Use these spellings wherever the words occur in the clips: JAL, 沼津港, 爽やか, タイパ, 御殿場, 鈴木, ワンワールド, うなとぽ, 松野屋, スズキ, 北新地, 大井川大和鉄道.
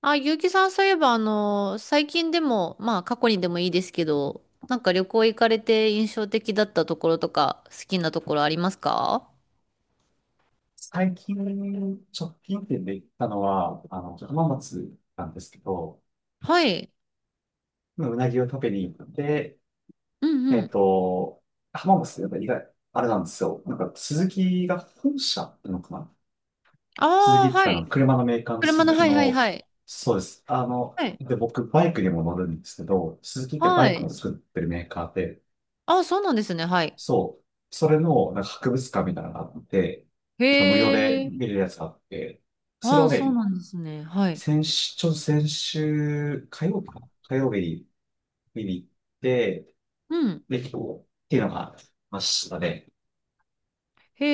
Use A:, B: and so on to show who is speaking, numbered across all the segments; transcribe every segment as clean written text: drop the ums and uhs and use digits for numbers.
A: あ、ゆうきさん、そういえば、最近でも、まあ、過去にでもいいですけど、なんか旅行行かれて印象的だったところとか、好きなところありますか？
B: 最近、直近店で行ったのは、浜松なんですけど、
A: はい。
B: うなぎを食べに行って、
A: うん
B: え
A: う
B: っ
A: ん。
B: と、浜松ってやっぱ意外、あれなんですよ。なんか、スズキが本社ってのかな。スズキ
A: ああ、
B: って
A: はい。
B: 車のメーカーの
A: 車
B: スズ
A: の、
B: キ
A: はいはい
B: の、
A: はい。
B: そうです。
A: はい。
B: で、僕、バイクにも乗るんですけど、スズキってバ
A: は
B: イクも
A: い。
B: 作ってるメーカーで、
A: ああ、そうなんですね。はい。
B: そう、それの、なんか博物館みたいなのがあって、
A: へ
B: しかも無料で
A: え。
B: 見れるやつがあって、それ
A: あ
B: を
A: あ、そう
B: ね、
A: なんですね。はい。
B: 先週、ちょうど先週、火曜日か、火曜日に見に行って、
A: うん。
B: で、結構、っていうのがありましたね。
A: へ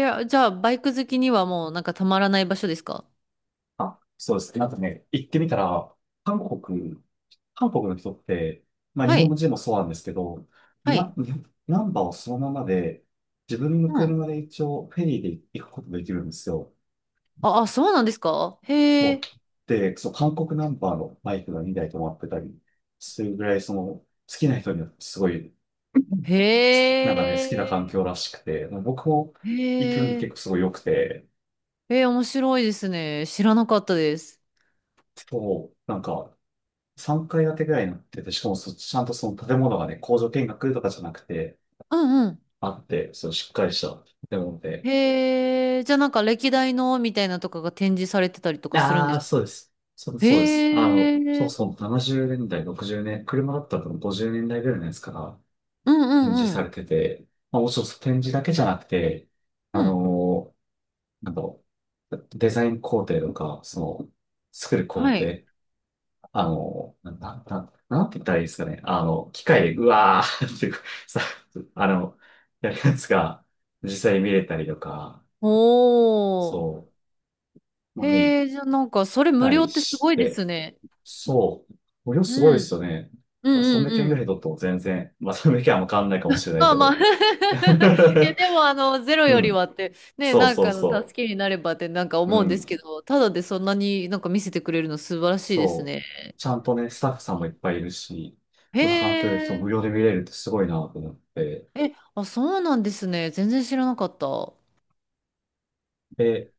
A: え。じゃあ、バイク好きにはもう、なんかたまらない場所ですか？
B: あ、そうですね。なんかね、行ってみたら、韓国、韓国の人って、まあ日
A: は
B: 本
A: い。
B: 人もそうなんですけど、
A: はい。
B: な、ナンバーをそのままで、自分の
A: うん。
B: 車で一応フェリーで行くことができるんですよ。
A: あ、あ、そうなんですか、へ
B: お
A: え。
B: で、そう、韓国ナンバーのバイクが2台止まってたりするぐらい、その、好きな人にはすごい
A: へ
B: なんかね、好きな環境
A: え。
B: らしくて、僕も行きに
A: へ
B: 結
A: え、
B: 構すごい良くて、
A: えー、面白いですね。知らなかったです。
B: そう、なんか3階建てぐらいになってて、しかもちゃんとその建物がね、工場見学とかじゃなくて、
A: うんうん。
B: あって、そう、しっかりした建物で。
A: へえ、じゃあなんか歴代のみたいなとかが展示されてたりとかするん
B: あ
A: で
B: あ、
A: す。
B: そうです。そうです。
A: へ
B: そう
A: え、
B: そう、70年代、60年、車だったら多分50年代ぐらいのやつから
A: うんう
B: 展示
A: んう
B: さ
A: ん。
B: れてて、まあ、もちろんその展示だけじゃなくて、あ
A: うん。
B: のーなんだろう、デザイン工程とか、その、作る工
A: はい。
B: 程、なんて言ったらいいですかね。機械でうわーってさ、あの、やるやつが 実際に見れたりとか、
A: おー。
B: そう、まあ、見
A: へえ、じゃあなんかそれ無
B: た
A: 料
B: り
A: ってす
B: し
A: ごいで
B: て、
A: すね。
B: そう、無料すごいで
A: うん。
B: すよね。
A: う
B: これ
A: んうん
B: 300
A: う
B: 円ぐ
A: ん。
B: らい取っても全然、まあ300円はもう変わんないかもしれない
A: まあ
B: け
A: ま
B: ど。
A: あ。 いや でもゼロ
B: う
A: より
B: ん。
A: はって、ね、
B: そう
A: なん
B: そう
A: かの助
B: そ
A: けになればってなんか
B: う。う
A: 思うんですけ
B: ん。
A: ど、ただでそんなになんか見せてくれるの素晴らしいです
B: そう。
A: ね。
B: ちゃんとね、スタッフさんもいっぱいいるし、
A: へ
B: そんな環境でそう無
A: え、
B: 料で見れるってすごいなと思って。
A: え、あ、そうなんですね。全然知らなかった。うん
B: で、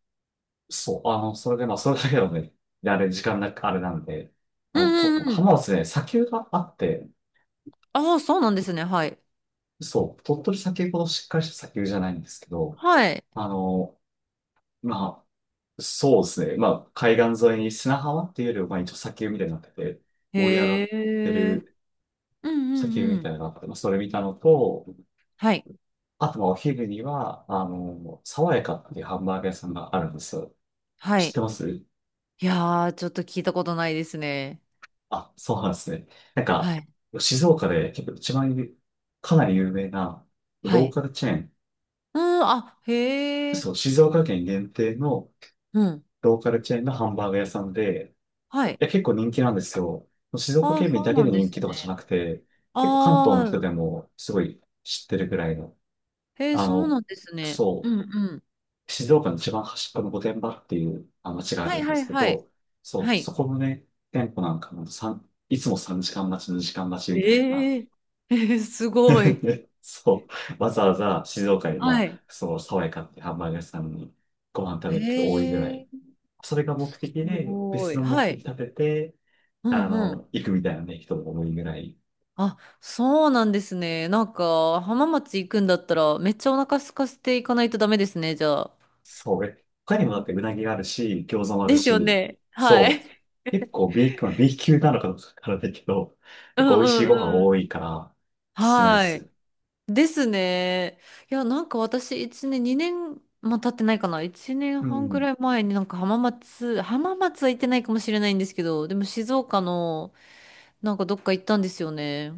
B: そう、それで、まあ、それだけのね、であれ、時間なく、あれなんで、
A: う
B: と
A: んうん。
B: 浜松ね、砂丘があって、
A: ああ、そうなんですね。はい。
B: そう、鳥取砂丘ほどしっかりした砂丘じゃないんですけど、
A: はい。
B: あの、まあ、そうですね、まあ、海岸沿いに砂浜っていうよりは、まあ、一応砂丘みたいになってて、盛り上がっ
A: へ
B: て
A: え。
B: る
A: うん
B: 砂丘
A: うん
B: み
A: うん。
B: たいなのがあって、まあ、それ見たのと、
A: はい。
B: あと、まあ、お昼には、爽やかっていうハンバーガー屋さんがあるんですよ。
A: は
B: 知っ
A: い。
B: てます
A: いやー、ちょっと聞いたことないですね。
B: あ、そうなんですね。なん
A: は
B: か、
A: い。
B: 静岡で結構一番有かなり有名な
A: は
B: ロー
A: い。
B: カルチェーン、
A: うん、あ、へえ。
B: そう、静岡県限定の
A: うん。
B: ローカルチェーンのハンバーガー屋さんで、
A: は
B: い
A: い。
B: や結構人気なんですよ。静岡
A: ああ、
B: 県民
A: そう
B: だけ
A: な
B: で
A: んで
B: 人
A: す
B: 気とかじゃ
A: ね。
B: なくて、結構関東の
A: あ
B: 人
A: あ、
B: でもすごい知ってるぐらいの、
A: へえ、
B: あ
A: そう
B: の、
A: なんですね。う
B: そ
A: んうん。
B: う、静岡の一番端っこの御殿場っていう町があ
A: は
B: る
A: い
B: んで
A: はい
B: すけ
A: はい。
B: ど、そ
A: は
B: う、
A: い。
B: そこのね、店舗なんかもさんいつも3時間待ち、2時間待ちみたいな、
A: ええ。えー、すご い。
B: ねそう。わざわざ静岡に、
A: は
B: ま
A: い。
B: あ、その爽やかってハンバーガー屋さんにご飯食
A: へ
B: べに行くと多いぐらい。
A: え。
B: それが目
A: す
B: 的で、
A: ご
B: 別
A: い。
B: の目
A: は
B: 的
A: い。
B: 立てて、
A: うんうん。
B: 行くみたいなね、人も多いぐらい。
A: あ、そうなんですね。なんか、浜松行くんだったら、めっちゃお腹空かせていかないとダメですね、じゃあ。
B: そう。え他にもだってうなぎがあるし、餃子もある
A: ですよ
B: し、
A: ね。は
B: そう。
A: い。
B: 結構 B 級、まあ、B 級なのかどうかわからないけど、
A: う
B: 結構美
A: ん
B: 味しい
A: う
B: ご飯
A: んう
B: 多
A: ん。
B: いから、おすすめで
A: は
B: す。
A: い。ですね。いや、なんか私、1年、2年も経ってないかな。1年
B: う
A: 半ぐ
B: ん。
A: らい前になんか浜松は行ってないかもしれないんですけど、でも静岡のなんかどっか行ったんですよね。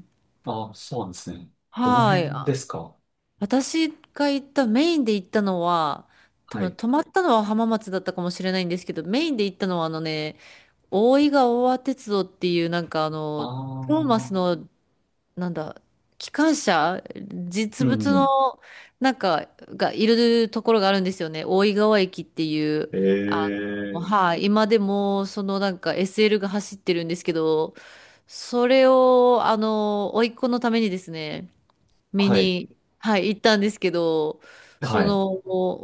B: ああ、そうなんですね。どの
A: はい。
B: 辺ですか？
A: 私が行った、メインで行ったのは、多
B: は
A: 分
B: い。
A: 泊まったのは浜松だったかもしれないんですけど、メインで行ったのは大井川大和鉄道っていう
B: あ
A: トーマス
B: あ。
A: の、なんだ機関車、
B: う
A: 実
B: ん
A: 物
B: う
A: の
B: ん。
A: なんかがいるところがあるんですよね。大井川駅っていう、あ
B: ええ
A: はい、今でもそのなんか SL が走ってるんですけど、それを甥っ子のためにですね見
B: はい。
A: に、はい、行ったんですけど、そ
B: はい。
A: の、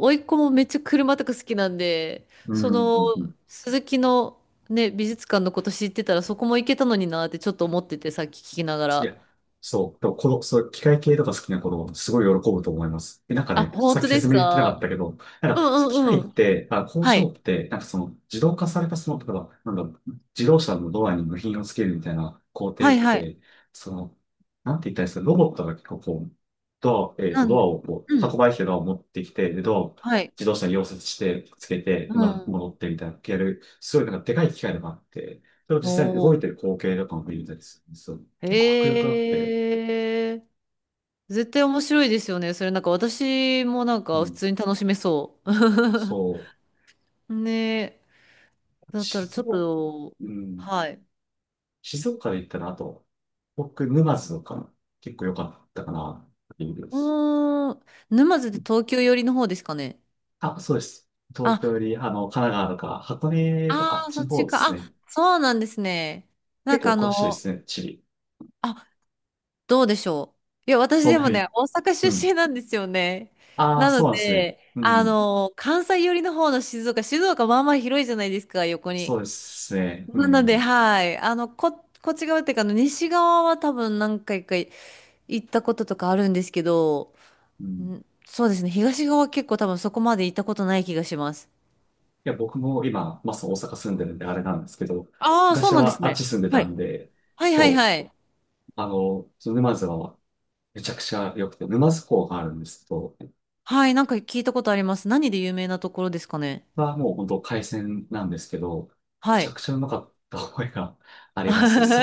A: 甥っ子もめっちゃ車とか好きなんで、
B: う
A: そ
B: ん。うん
A: の、
B: うん。
A: 鈴木のね、美術館のこと知ってたらそこも行けたのになってちょっと思ってて、さっき聞きながら。
B: で、そう。でも、この、そう、機械系とか好きな子供、すごい喜ぶと思います。で、なんか
A: あ、
B: ね、
A: 本
B: さっき
A: 当で
B: 説
A: す
B: 明できなかっ
A: か？
B: たけど、なん
A: う
B: か、
A: ん
B: 機
A: う
B: 械
A: んう
B: っ
A: ん。
B: て、あ、工
A: は
B: 場っ
A: い。
B: て、なんかその、自動化されたその、例えば、なんか、自動車のドアに部品をつけるみたいな工程
A: は
B: っ
A: いはい。
B: て、その、なんて言ったらいいですか、ロボットが結構こう、ドア、えっ
A: な
B: と、ド
A: ん、
B: アをこ
A: う
B: う、運
A: ん。
B: ばれてきたドアを持ってきて、で、ドアを
A: はい。
B: 自動車に溶接して、つけて、
A: う
B: で、まあ、
A: ん。
B: 戻ってみたいな、やる、すごいなんかでかい機械とかあって、それを実際に動
A: お
B: い
A: ー。
B: てる光景とかも見れたりするんですよ。結構迫力あって、
A: へえ。絶対面白いですよね。それ、なんか私もなん
B: う
A: か普
B: ん。
A: 通に楽しめそう。
B: そう、
A: ね、だったらち
B: 静
A: ょっ
B: 岡、
A: と。
B: うん、
A: はい。
B: 静岡で行ったら、あと、僕、沼津とか、結構良かったかな、っていうで
A: う
B: す。
A: ーん、沼津で東京寄りの方ですかね。
B: あ、そうです。東
A: あ、
B: 京より、神奈川とか、箱根とか、あっ
A: ああ、
B: ち
A: そ
B: の
A: っ
B: 方
A: ち
B: で
A: か。
B: す
A: あ、
B: ね。
A: そうなんですね。なん
B: 結構
A: か
B: お詳しいですね、地理。
A: あ、どうでしょう。いや、私
B: そん
A: で
B: な
A: もね、
B: に。
A: 大阪
B: う
A: 出
B: ん。
A: 身なんですよね。
B: ああ、
A: なの
B: そうなんですね。
A: で、
B: うん。
A: 関西寄りの方の静岡、まあまあ広いじゃないですか、横
B: そう
A: に。
B: ですね。う
A: なので、
B: ん。
A: はい。こっち側っていうか、西側は多分何回か行ったこととかあるんですけど、
B: うん。
A: んそうですね。東側は結構多分そこまで行ったことない気がします。
B: いや、僕も今、まあ、そう大阪住んでるんで、あれなんですけど、
A: ああ、そ
B: 昔
A: うなんです
B: はあっち
A: ね。
B: 住んで
A: は
B: た
A: い。
B: んで、
A: はいはい
B: そ
A: は
B: う。
A: い。
B: その沼津はめちゃくちゃ良くて、沼津港があるんですけど、
A: はい、なんか聞いたことあります。何で有名なところですかね。
B: はもう本当海鮮なんですけど、め
A: は
B: ちゃ
A: い。
B: くちゃうまかった覚えがあり ます。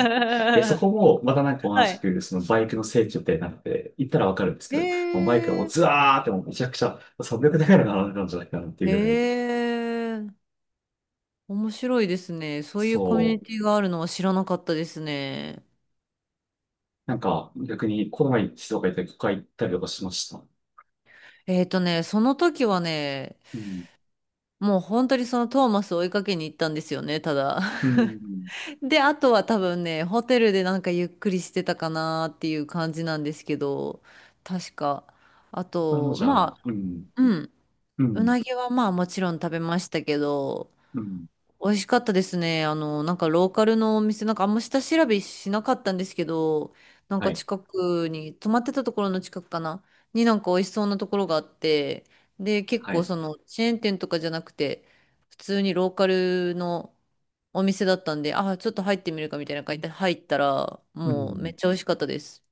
B: で、そこもまたなんか同じ
A: い。
B: く、そのバイクの聖地みたいになって、行ったらわかるんです け
A: へ
B: ど、もうバイクがもう
A: え。
B: ズワーってもうめちゃくちゃ300台ぐらい並んでたんじゃないかなってい
A: へ
B: うぐらい。
A: え。面白いですね。そういうコミュニ
B: そう。
A: ティがあるのは知らなかったですね。
B: なんか逆にこの前に静岡行ったり、ここ行ったりとかしました。
A: えっとね、その時はね、
B: うん。
A: もう本当にそのトーマスを追いかけに行ったんですよね、ただ。
B: うん。
A: で、あとは多分ね、ホテルでなんかゆっくりしてたかなっていう感じなんですけど、確か。あ
B: これも
A: と、
B: じゃあ、
A: まあ、
B: うん。
A: うん、
B: う
A: う
B: ん。
A: なぎはまあもちろん食べましたけど、
B: うん。
A: 美味しかったですね。なんかローカルのお店、なんかあんま下調べしなかったんですけど、なん
B: は
A: か
B: い。
A: 近くに、泊まってたところの近くかな、になんか美味しそうなところがあって、で、結
B: は
A: 構
B: い。
A: そのチェーン店とかじゃなくて、普通にローカルのお店だったんで、あ、ちょっと入ってみるかみたいな感じで入ったら、
B: う
A: もうめ
B: ん。
A: っちゃ美味しかったです。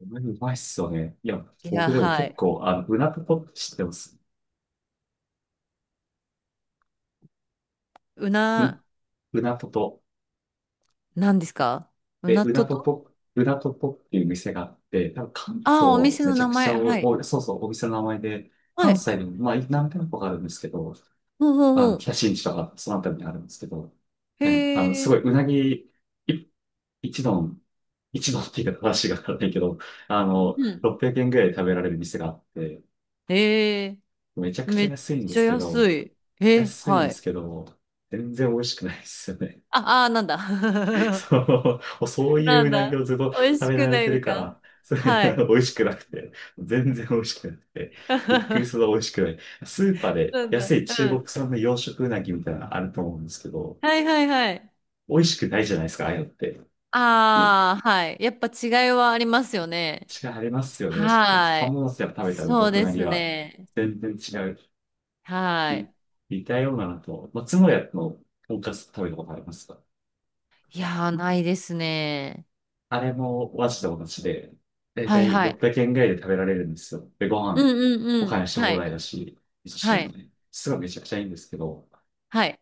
B: うまいっすよね。いや、
A: いや、
B: 僕でも
A: は
B: 結
A: い。
B: 構、うなとぽって知ってます。
A: う
B: うん、
A: な、
B: うなとと。
A: なんですか？う
B: え、
A: なとと、
B: うなとぽっていう店があって、多分関
A: ああー、お
B: 東
A: 店
B: め
A: の
B: ちゃ
A: 名
B: くち
A: 前。
B: ゃ
A: はい。
B: 多いそうそう、お店の名前で、
A: は
B: 関
A: い。
B: 西でも、まあ、何店舗かあるんですけど、
A: ほうほうほ
B: 北新地とか、そのあたりにあるんですけど、
A: う。へ
B: うあの、すご
A: え。
B: い、うなぎ、い一丼、一丼っていうか話がわからないけど、
A: うん、
B: 600円ぐらいで食べられる店があって、
A: えー、
B: めちゃくち
A: め
B: ゃ
A: っ
B: 安いんで
A: ちゃ
B: すけ
A: 安
B: ど、
A: い。え、
B: 安い
A: は
B: で
A: い。
B: すけど、全然美味しくないですよね。
A: あ、あー、なんだ。
B: そう、そういう
A: なん
B: うなぎ
A: だ。
B: をずっと食
A: 美味し
B: べ
A: く
B: られ
A: ない
B: て
A: の
B: るか
A: か。
B: ら、それ
A: は
B: あ
A: い。
B: の 美味しくなくて、全然美味しくなくて、びっくりするほ ど美味しくない。スーパーで
A: なんだ。
B: 安い中
A: う
B: 国
A: ん。
B: 産の養殖うなぎみたいなのあると思うんですけど、
A: はいはいはい。
B: 美味しくないじゃないですか、ああいうのって。違
A: ああ、はい。やっぱ違いはありますよね。
B: いありますよね。
A: はい。
B: 浜松やっぱ食べた
A: そう
B: う
A: で
B: なぎ
A: す
B: は
A: ね。
B: 全然違う。
A: は
B: に
A: い。
B: 似たようなのと、松野屋のとんかつ食べたことありますか？
A: いやー、ないですね。
B: あれもマジで同じで、だい
A: は
B: た
A: い
B: い
A: はい。
B: 600円ぐらいで食べられるんですよ。で、ご
A: う
B: 飯、
A: んうん
B: お
A: う
B: かわり
A: ん。
B: して
A: は
B: 放
A: い。
B: 題だし、味噌汁
A: は
B: も
A: い。
B: ね、すごいめちゃくちゃいいんですけど、
A: はい。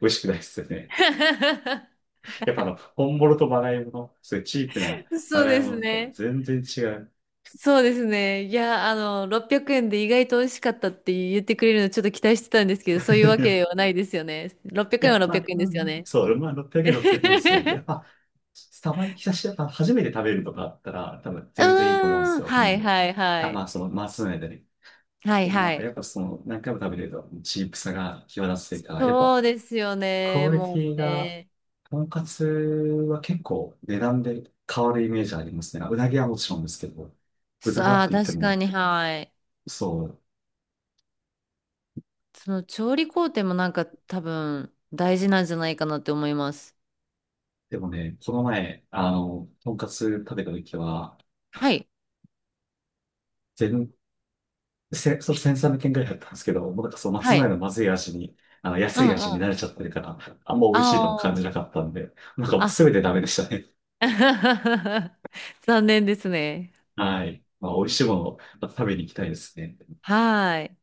B: 美味しくないですよね。やっぱ本物とまがいもの、そういうチープなま
A: そう
B: がい
A: で
B: も
A: す
B: のと
A: ね。
B: 全然違う。
A: そうですね。いや、600円で意外と美味しかったって言ってくれるのちょっと期待してたんですけど、そういうわけは ないですよね。600
B: い
A: 円は
B: や、ま
A: 600
B: あ、
A: 円
B: ま
A: で
B: あ
A: すよね。
B: そう、まあ、600円ですね。やっ ぱ、たまに久しぶりだったら初めて食べるとかあったら、多分
A: う
B: 全然いいと思うんで
A: ー
B: す
A: ん。
B: よ。う
A: はい
B: ん。
A: はいは
B: あ、ま
A: い。
B: あ、その、まあ、そうね。
A: はい
B: ま
A: は
B: あ、
A: い。
B: やっぱその、何回も食べてると、チープさが際立つというか、やっ
A: そう
B: ぱ、
A: ですよ
B: クオ
A: ね。
B: リ
A: も
B: ティ
A: う
B: が、
A: ね。
B: とんかつは結構値段で変わるイメージありますね。うなぎはもちろんですけど、豚だっ
A: さ
B: て
A: あ、
B: 言って
A: 確か
B: も、
A: に、はい。
B: そう。
A: その調理工程もなんか多分大事なんじゃないかなって思います。
B: でもね、この前、とんかつ食べた時は、
A: はい。
B: 全、そう、1 3 0円ぐらいだったんですけど、もうなんかそう、松
A: は
B: 前
A: い。
B: のまずい味に、
A: う
B: 安
A: ん
B: い味
A: う
B: に慣
A: ん。
B: れちゃってるから、あんま美味しいとも感
A: あ
B: じなかったんで、なんかもう
A: あ。
B: 全てダメでしたね。
A: あ。残念ですね。
B: はい。まあ、美味しいものをまた食べに行きたいですね。
A: はい。